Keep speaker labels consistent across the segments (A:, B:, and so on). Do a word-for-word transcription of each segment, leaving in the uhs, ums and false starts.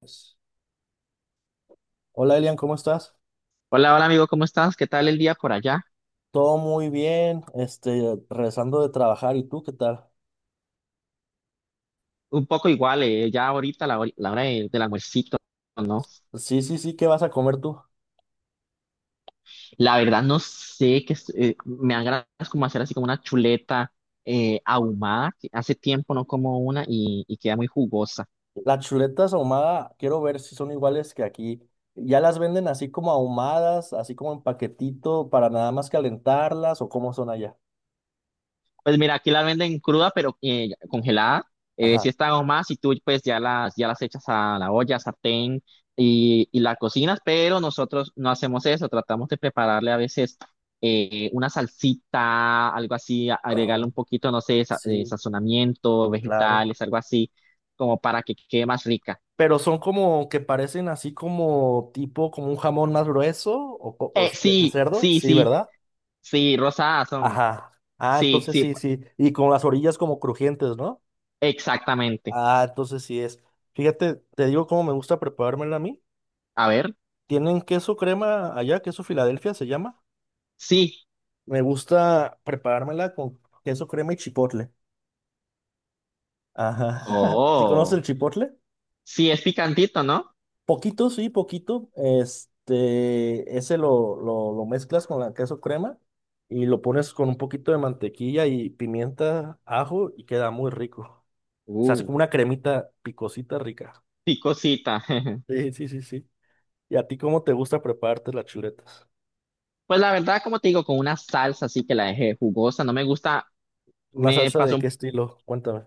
A: Pues, hola Elian, ¿cómo estás?
B: Hola, hola amigo, ¿cómo estás? ¿Qué tal el día por allá?
A: Todo muy bien, este, regresando de trabajar, ¿y tú qué tal?
B: Un poco igual, eh, ya ahorita la, hor- la hora de- del almuercito, ¿no?
A: Sí, sí, sí, ¿qué vas a comer tú?
B: La verdad no sé qué, es- eh, me agradas como hacer así como una chuleta eh, ahumada, que hace tiempo no como una y, y queda muy jugosa.
A: Las chuletas ahumada, quiero ver si son iguales que aquí. ¿Ya las venden así como ahumadas, así como en paquetito para nada más calentarlas o cómo son allá?
B: Pues mira, aquí la venden cruda, pero eh, congelada. Eh,
A: Ajá.
B: si está más, y tú pues ya las, ya las echas a la olla, sartén y, y la cocinas, pero nosotros no hacemos eso, tratamos de prepararle a veces eh, una salsita, algo así, a-
A: Ah,
B: agregarle un poquito, no sé, sa- eh,
A: sí,
B: sazonamiento,
A: claro.
B: vegetales, algo así, como para que quede más rica.
A: Pero son como que parecen así como tipo, como un jamón más grueso o, co- o
B: Eh,
A: de, de
B: sí,
A: cerdo,
B: sí,
A: sí,
B: sí,
A: ¿verdad?
B: sí, rosadas son.
A: Ajá. Ah,
B: Sí,
A: entonces
B: sí,
A: sí, sí. Y con las orillas como crujientes, ¿no?
B: exactamente.
A: Ah, entonces sí es. Fíjate, te digo cómo me gusta preparármela a mí.
B: A ver,
A: Tienen queso crema allá, queso Filadelfia se llama.
B: sí.
A: Me gusta preparármela con queso crema y chipotle. Ajá. ¿Sí conoces
B: Oh,
A: el chipotle?
B: sí, es picantito, ¿no?
A: Poquito, sí, poquito. Este, ese lo, lo, lo mezclas con la queso crema y lo pones con un poquito de mantequilla y pimienta, ajo y queda muy rico. Se hace
B: Uh,
A: como una cremita picosita rica.
B: picosita.
A: Sí, sí, sí, sí. ¿Y a ti cómo te gusta prepararte las chuletas?
B: Pues la verdad, como te digo, con una salsa así que la dejé jugosa, no me gusta,
A: ¿Una
B: me
A: salsa de
B: pasó.
A: qué estilo? Cuéntame.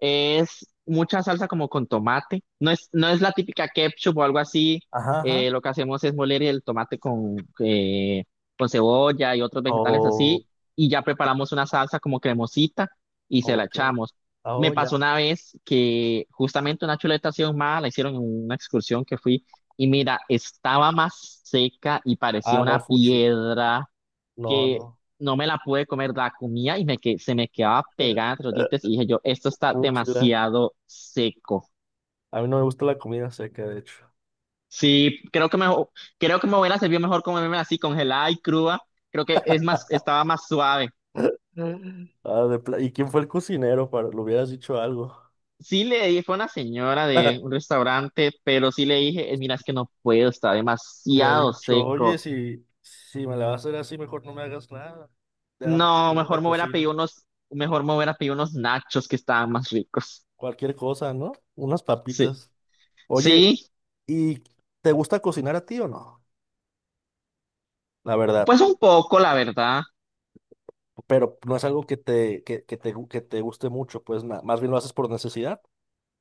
B: Es mucha salsa como con tomate. No es, no es la típica ketchup o algo así.
A: Ajá, ajá.
B: Eh, lo que hacemos es moler el tomate con, eh, con cebolla y otros vegetales
A: Oh,
B: así. Y ya preparamos una salsa como cremosita y se la
A: ok.
B: echamos.
A: Ah, oh,
B: Me
A: ya.
B: pasó una vez que justamente una chuleta así ahumada la hicieron en una excursión que fui. Y mira, estaba más seca y parecía
A: Ah, no,
B: una
A: fuchi.
B: piedra
A: No,
B: que
A: no.
B: no me la pude comer, la comía y me que, se me quedaba pegada entre los dientes y dije yo, esto está
A: Fuchila.
B: demasiado seco.
A: A mí no me gusta la comida seca, de hecho.
B: Sí, creo que me, creo que me hubiera servido mejor comerme así congelada y cruda. Creo que es más, estaba más suave.
A: Mm. Ah, de pla- ¿Y quién fue el cocinero? Para... Le hubieras dicho algo.
B: Sí le dije, fue una señora de un restaurante, pero sí le dije, "Eh, mira, es que no puedo, está
A: Hubiera
B: demasiado
A: dicho, oye,
B: seco".
A: si, si me la vas a hacer así, mejor no me hagas nada. Ya,
B: No,
A: yo me la
B: mejor me hubiera pedido
A: cocino.
B: unos, mejor me hubiera pedido unos nachos que estaban más ricos.
A: Cualquier cosa, ¿no? Unas
B: Sí,
A: papitas.
B: sí,
A: Oye, ¿y te gusta cocinar a ti o no? La verdad,
B: pues un poco, la verdad.
A: pero no es algo que te, que, que te, gu- que te guste mucho, pues ma- más bien lo haces por necesidad.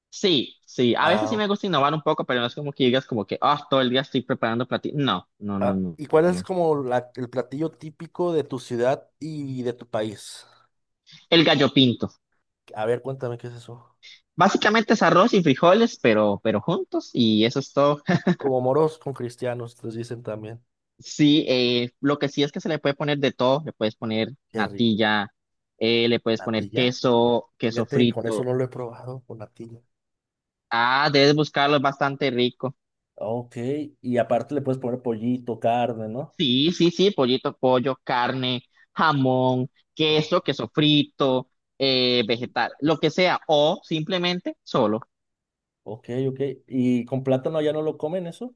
B: Sí, sí, a veces
A: Ah,
B: sí me
A: ok.
B: gusta innovar un poco, pero no es como que digas como que, ah, todo el día estoy preparando platillos. No, no, no,
A: Ah,
B: no,
A: ¿y cuál
B: no,
A: es
B: no.
A: como la- el platillo típico de tu ciudad y de tu país?
B: El gallo pinto.
A: A ver, cuéntame qué es eso.
B: Básicamente es arroz y frijoles, pero, pero juntos y eso es todo.
A: Como moros con cristianos, les dicen también.
B: Sí, eh, lo que sí es que se le puede poner de todo. Le puedes poner
A: Qué rico.
B: natilla, eh, le puedes poner
A: ¿Natilla?
B: queso, queso
A: Fíjate, con eso
B: frito.
A: no lo he probado, con natilla.
B: Ah, debes buscarlo, es bastante rico.
A: Ok, y aparte le puedes poner pollito, carne, ¿no?
B: Sí, sí, sí, pollito, pollo, carne, jamón,
A: Ah,
B: queso, queso frito, eh, vegetal, lo que sea, o simplemente solo.
A: ok, ok. ¿Y con plátano ya no lo comen eso?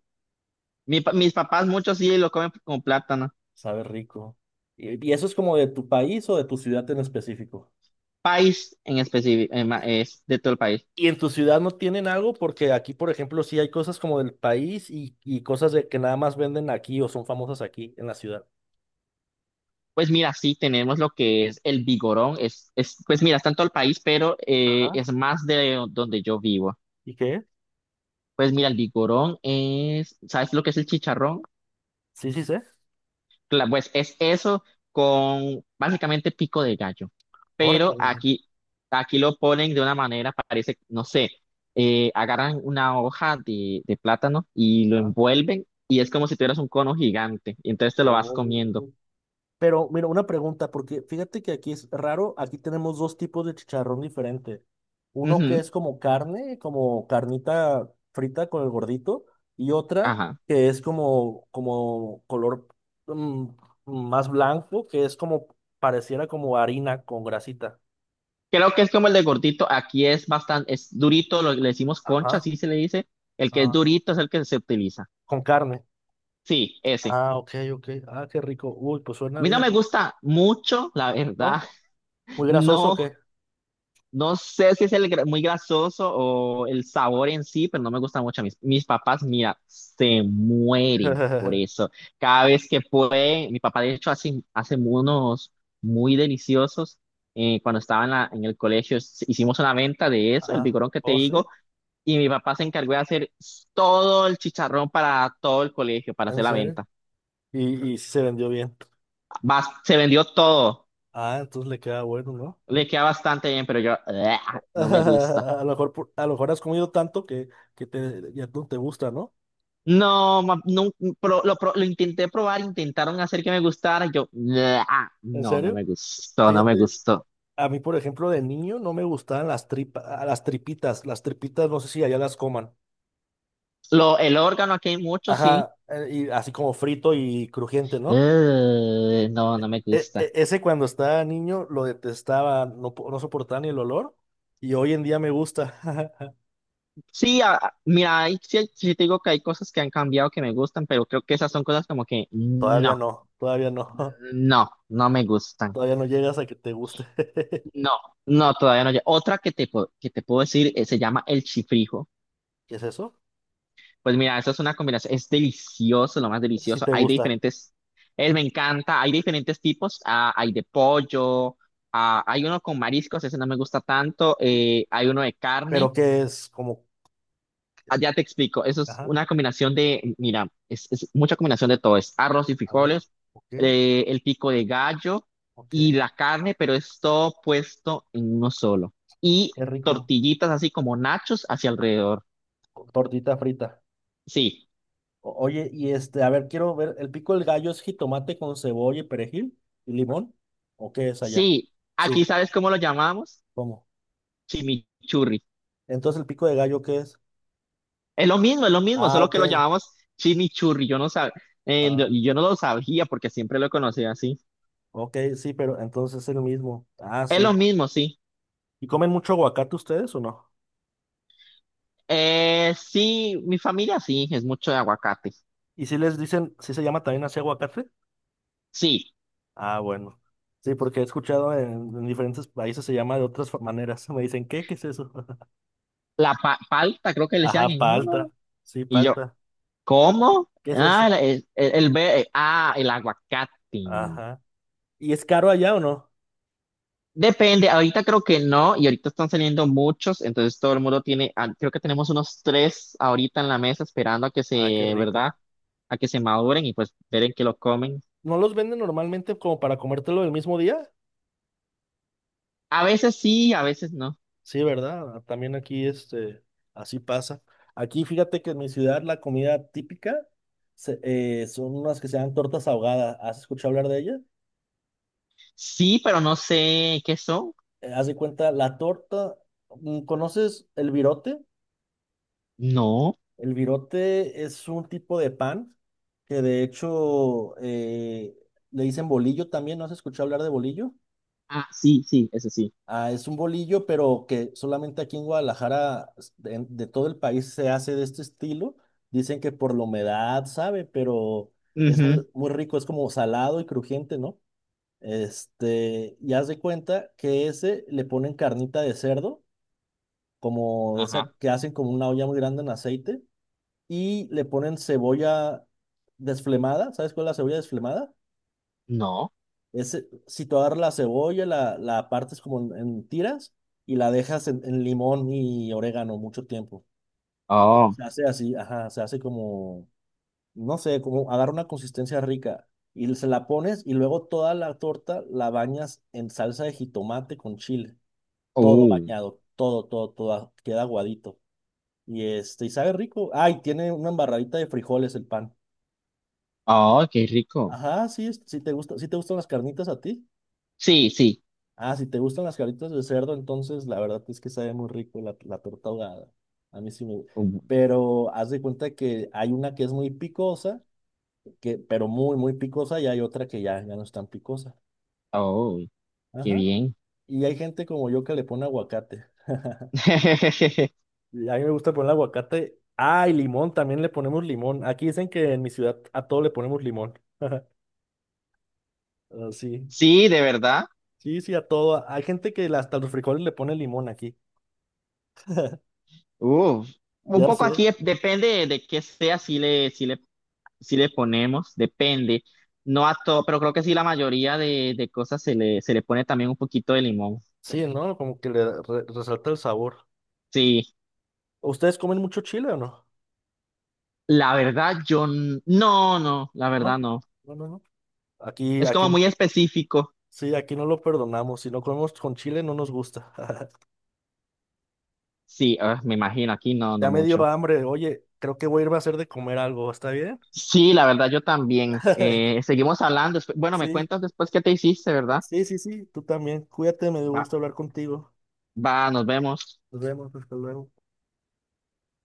B: Mi pa- mis papás muchos sí lo comen con plátano.
A: Sabe rico. ¿Y y eso es como de tu país o de tu ciudad en específico?
B: País en específico, es de todo el país.
A: ¿Y en tu ciudad no tienen algo? Porque aquí, por ejemplo, sí hay cosas como del país y, y cosas de que nada más venden aquí o son famosas aquí en la ciudad.
B: Pues mira, sí tenemos lo que es el vigorón, es, es, pues mira, está en todo el país, pero eh,
A: Ajá.
B: es más de donde yo vivo.
A: ¿Y qué?
B: Pues mira, el vigorón es, ¿sabes lo que es el chicharrón?
A: Sí, sí, sé.
B: Cla- Pues es eso con básicamente pico de gallo. Pero
A: Órale.
B: aquí, aquí lo ponen de una manera, parece, no sé, eh, agarran una hoja de, de plátano y lo
A: Ah.
B: envuelven y es como si tuvieras un cono gigante y entonces te lo vas
A: Oh.
B: comiendo.
A: Pero mira, una pregunta, porque fíjate que aquí es raro, aquí tenemos dos tipos de chicharrón diferente. Uno que
B: Ujú,
A: es como carne, como carnita frita con el gordito, y otra
B: ajá.
A: que es como, como color mm, más blanco, que es como pareciera como harina con grasita.
B: Creo que es como el de gordito, aquí es bastante, es durito, lo, le decimos concha,
A: Ajá,
B: así se le dice. El que es
A: ah,
B: durito es el que se utiliza.
A: con carne.
B: Sí, ese.
A: Ah, ok, ok. Ah, qué rico. Uy, pues
B: A
A: suena
B: mí no
A: bien,
B: me
A: ¿no?
B: gusta mucho, la verdad.
A: ¿No? ¿Muy grasoso o
B: No.
A: qué?
B: No sé si es el gra- muy grasoso o el sabor en sí, pero no me gusta mucho. Mis, mis papás, mira, se mueren por eso. Cada vez que puede, mi papá de hecho hace, hace unos muy deliciosos. Eh, cuando estaba en, la- en el colegio s- hicimos una venta de eso, el
A: Ajá.
B: vigorón que te
A: Oh,
B: digo,
A: sí.
B: y mi papá se encargó de hacer s- todo el chicharrón para todo el colegio, para hacer
A: ¿En
B: la
A: serio?
B: venta.
A: Y, y sí se vendió bien.
B: Bas- se vendió todo,
A: Ah, entonces le queda bueno, ¿no?
B: le queda bastante bien, pero yo, ¡ah! No me gusta.
A: A lo mejor, por- a lo mejor has comido tanto que, que te, ya no te gusta, ¿no?
B: No, ma- no, pro- lo, pro- lo intenté probar, intentaron hacer que me gustara, yo, "Ah,
A: ¿En
B: no, no
A: serio?
B: me gustó, no me
A: Fíjate,
B: gustó".
A: a mí, por ejemplo, de niño no me gustaban las tripas, las tripitas. Las tripitas, no sé si allá las coman.
B: Lo, el órgano aquí hay mucho, sí.
A: Ajá, eh, y así como frito y crujiente, ¿no?
B: Eh, no, no me
A: E-
B: gusta.
A: e- ese cuando estaba niño lo detestaba, no, po- no soportaba ni el olor. Y hoy en día me gusta.
B: Sí, a- a- mira, ahí sí, hay- sí te digo que hay cosas que han cambiado que me gustan, pero creo que esas son cosas como que
A: Todavía
B: no,
A: no, todavía no.
B: no, no me gustan.
A: Todavía no llegas a que te guste.
B: No, no, todavía no. lle- Otra que te, pu- que te puedo decir, eh, se llama el chifrijo.
A: ¿Qué es eso?
B: Pues mira, eso es una combinación, es delicioso, lo más
A: Eso sí
B: delicioso.
A: te
B: Hay de
A: gusta.
B: diferentes, eh, me encanta, hay de diferentes tipos, ah, hay de pollo, ah, hay uno con mariscos, ese no me gusta tanto, eh, hay uno de
A: Pero
B: carne.
A: que es como,
B: Ah, ya te explico, eso es
A: ajá,
B: una combinación de, mira, es, es mucha combinación de todo, es arroz y
A: a ver,
B: frijoles,
A: ok,
B: eh, el pico de gallo
A: ok,
B: y la carne, pero es todo puesto en uno solo. Y
A: qué rico,
B: tortillitas así como nachos hacia alrededor.
A: con tortita frita.
B: Sí,
A: O- oye, y este, a ver, quiero ver, ¿el pico del gallo es jitomate con cebolla y perejil y limón? ¿O qué es allá?
B: sí, aquí
A: Sí,
B: sabes cómo lo llamamos.
A: ¿cómo?
B: Chimichurri.
A: Entonces, ¿el pico de gallo qué es?
B: Es lo mismo, es lo mismo,
A: Ah,
B: solo
A: ok.
B: que lo llamamos chimichurri. Yo no sab... eh, no-
A: Ah,
B: yo no lo sabía porque siempre lo conocía así.
A: ok, sí, pero entonces es el mismo. Ah,
B: Es
A: sí.
B: lo mismo, sí.
A: ¿Y comen mucho aguacate ustedes o no?
B: Eh, sí, mi familia sí, es mucho de aguacate.
A: ¿Y si les dicen, si se llama también así aguacate?
B: Sí,
A: Ah, bueno. Sí, porque he escuchado en, en diferentes países se llama de otras fa- maneras. Me dicen, ¿qué? ¿Qué es eso?
B: la pa- palta creo que le
A: Ajá,
B: decían en uno.
A: palta. Sí,
B: Y yo,
A: palta.
B: ¿cómo?
A: ¿Qué es
B: Ah,
A: eso?
B: la- el, el, el ve- eh, ah, el aguacate.
A: Ajá. ¿Y es caro allá o no?
B: Depende, ahorita creo que no, y ahorita están saliendo muchos, entonces todo el mundo tiene, ah, creo que tenemos unos tres ahorita en la mesa esperando a que
A: Ah, qué
B: se, ¿verdad?
A: rico.
B: A que se maduren y pues ver en qué lo comen.
A: ¿No los venden normalmente como para comértelo el mismo día?
B: A veces sí, a veces no.
A: Sí, ¿verdad? También aquí, este, así pasa. Aquí, fíjate que en mi ciudad la comida típica se- eh, son unas que se llaman tortas ahogadas. ¿Has escuchado hablar de ellas?
B: Sí, pero no sé qué son.
A: Eh, haz de cuenta, la torta, mm, ¿conoces el virote?
B: No.
A: El virote es un tipo de pan que de hecho eh, le dicen bolillo también. ¿No has escuchado hablar de bolillo?
B: Ah, sí, sí, eso sí.
A: Ah, es un bolillo, pero que solamente aquí en Guadalajara, s- de, en- de todo el país, se hace de este estilo. Dicen que por la humedad, sabe, pero es
B: Ujú,
A: muy, muy rico, es como salado y crujiente, ¿no? Este, y haz de cuenta que ese le ponen carnita de cerdo, como de
B: ajá.
A: esa que hacen como una olla muy grande en aceite y le ponen cebolla desflemada. ¿Sabes cuál es la cebolla desflemada?
B: No.
A: Es eh, situar la cebolla, la, la partes como en, en tiras y la dejas en, en limón y orégano mucho tiempo.
B: Oh,
A: Se hace así, ajá, se hace como, no sé, como agarra una consistencia rica. Y se la pones y luego toda la torta la bañas en salsa de jitomate con chile. Todo
B: uh,
A: bañado, todo, todo, todo, queda aguadito. Y este, y sabe rico. Ay, tiene una embarradita de frijoles el pan.
B: oh, qué rico.
A: Ajá, sí, es- sí te gusta, sí te gustan las carnitas a ti.
B: Sí, sí.
A: Ah, si te gustan las carnitas de cerdo, entonces la verdad es que sabe muy rico la, la torta ahogada. A mí sí me gusta.
B: Uh,
A: Pero haz de cuenta que hay una que es muy picosa, que, pero muy, muy picosa, y hay otra que ya, ya no es tan picosa.
B: oh, qué
A: Ajá.
B: bien.
A: Y hay gente como yo que le pone aguacate. Y a mí me gusta poner aguacate. Ah, y limón, también le ponemos limón. Aquí dicen que en mi ciudad a todo le ponemos limón. Ah, sí.
B: Sí, de verdad.
A: Sí, sí, a todo. Hay gente que hasta los frijoles le pone limón aquí.
B: Uf, un
A: Ya
B: poco
A: sé.
B: aquí es- depende de qué sea, si le, si le, si le ponemos, depende. No a todo, pero creo que sí la mayoría de, de cosas se le, se le pone también un poquito de limón.
A: Sí, ¿no? Como que le da- re- resalta el sabor.
B: Sí,
A: ¿Ustedes comen mucho chile o no?
B: la verdad yo n- no, no, la verdad
A: No,
B: no.
A: no, no, no. Aquí,
B: Es
A: aquí,
B: como muy específico.
A: sí, aquí no lo perdonamos. Si no comemos con chile, no nos gusta.
B: Sí, ah, me imagino, aquí no, no
A: Ya me dio
B: mucho.
A: hambre. Oye, creo que voy a irme a hacer de comer algo. ¿Está bien?
B: Sí, la verdad yo también. Eh, seguimos hablando. despu- Bueno, me
A: Sí,
B: cuentas después qué te hiciste, ¿verdad?
A: sí, sí, sí. Tú también. Cuídate, me dio
B: Va,
A: gusto hablar contigo.
B: va, nos vemos.
A: Nos vemos, hasta luego.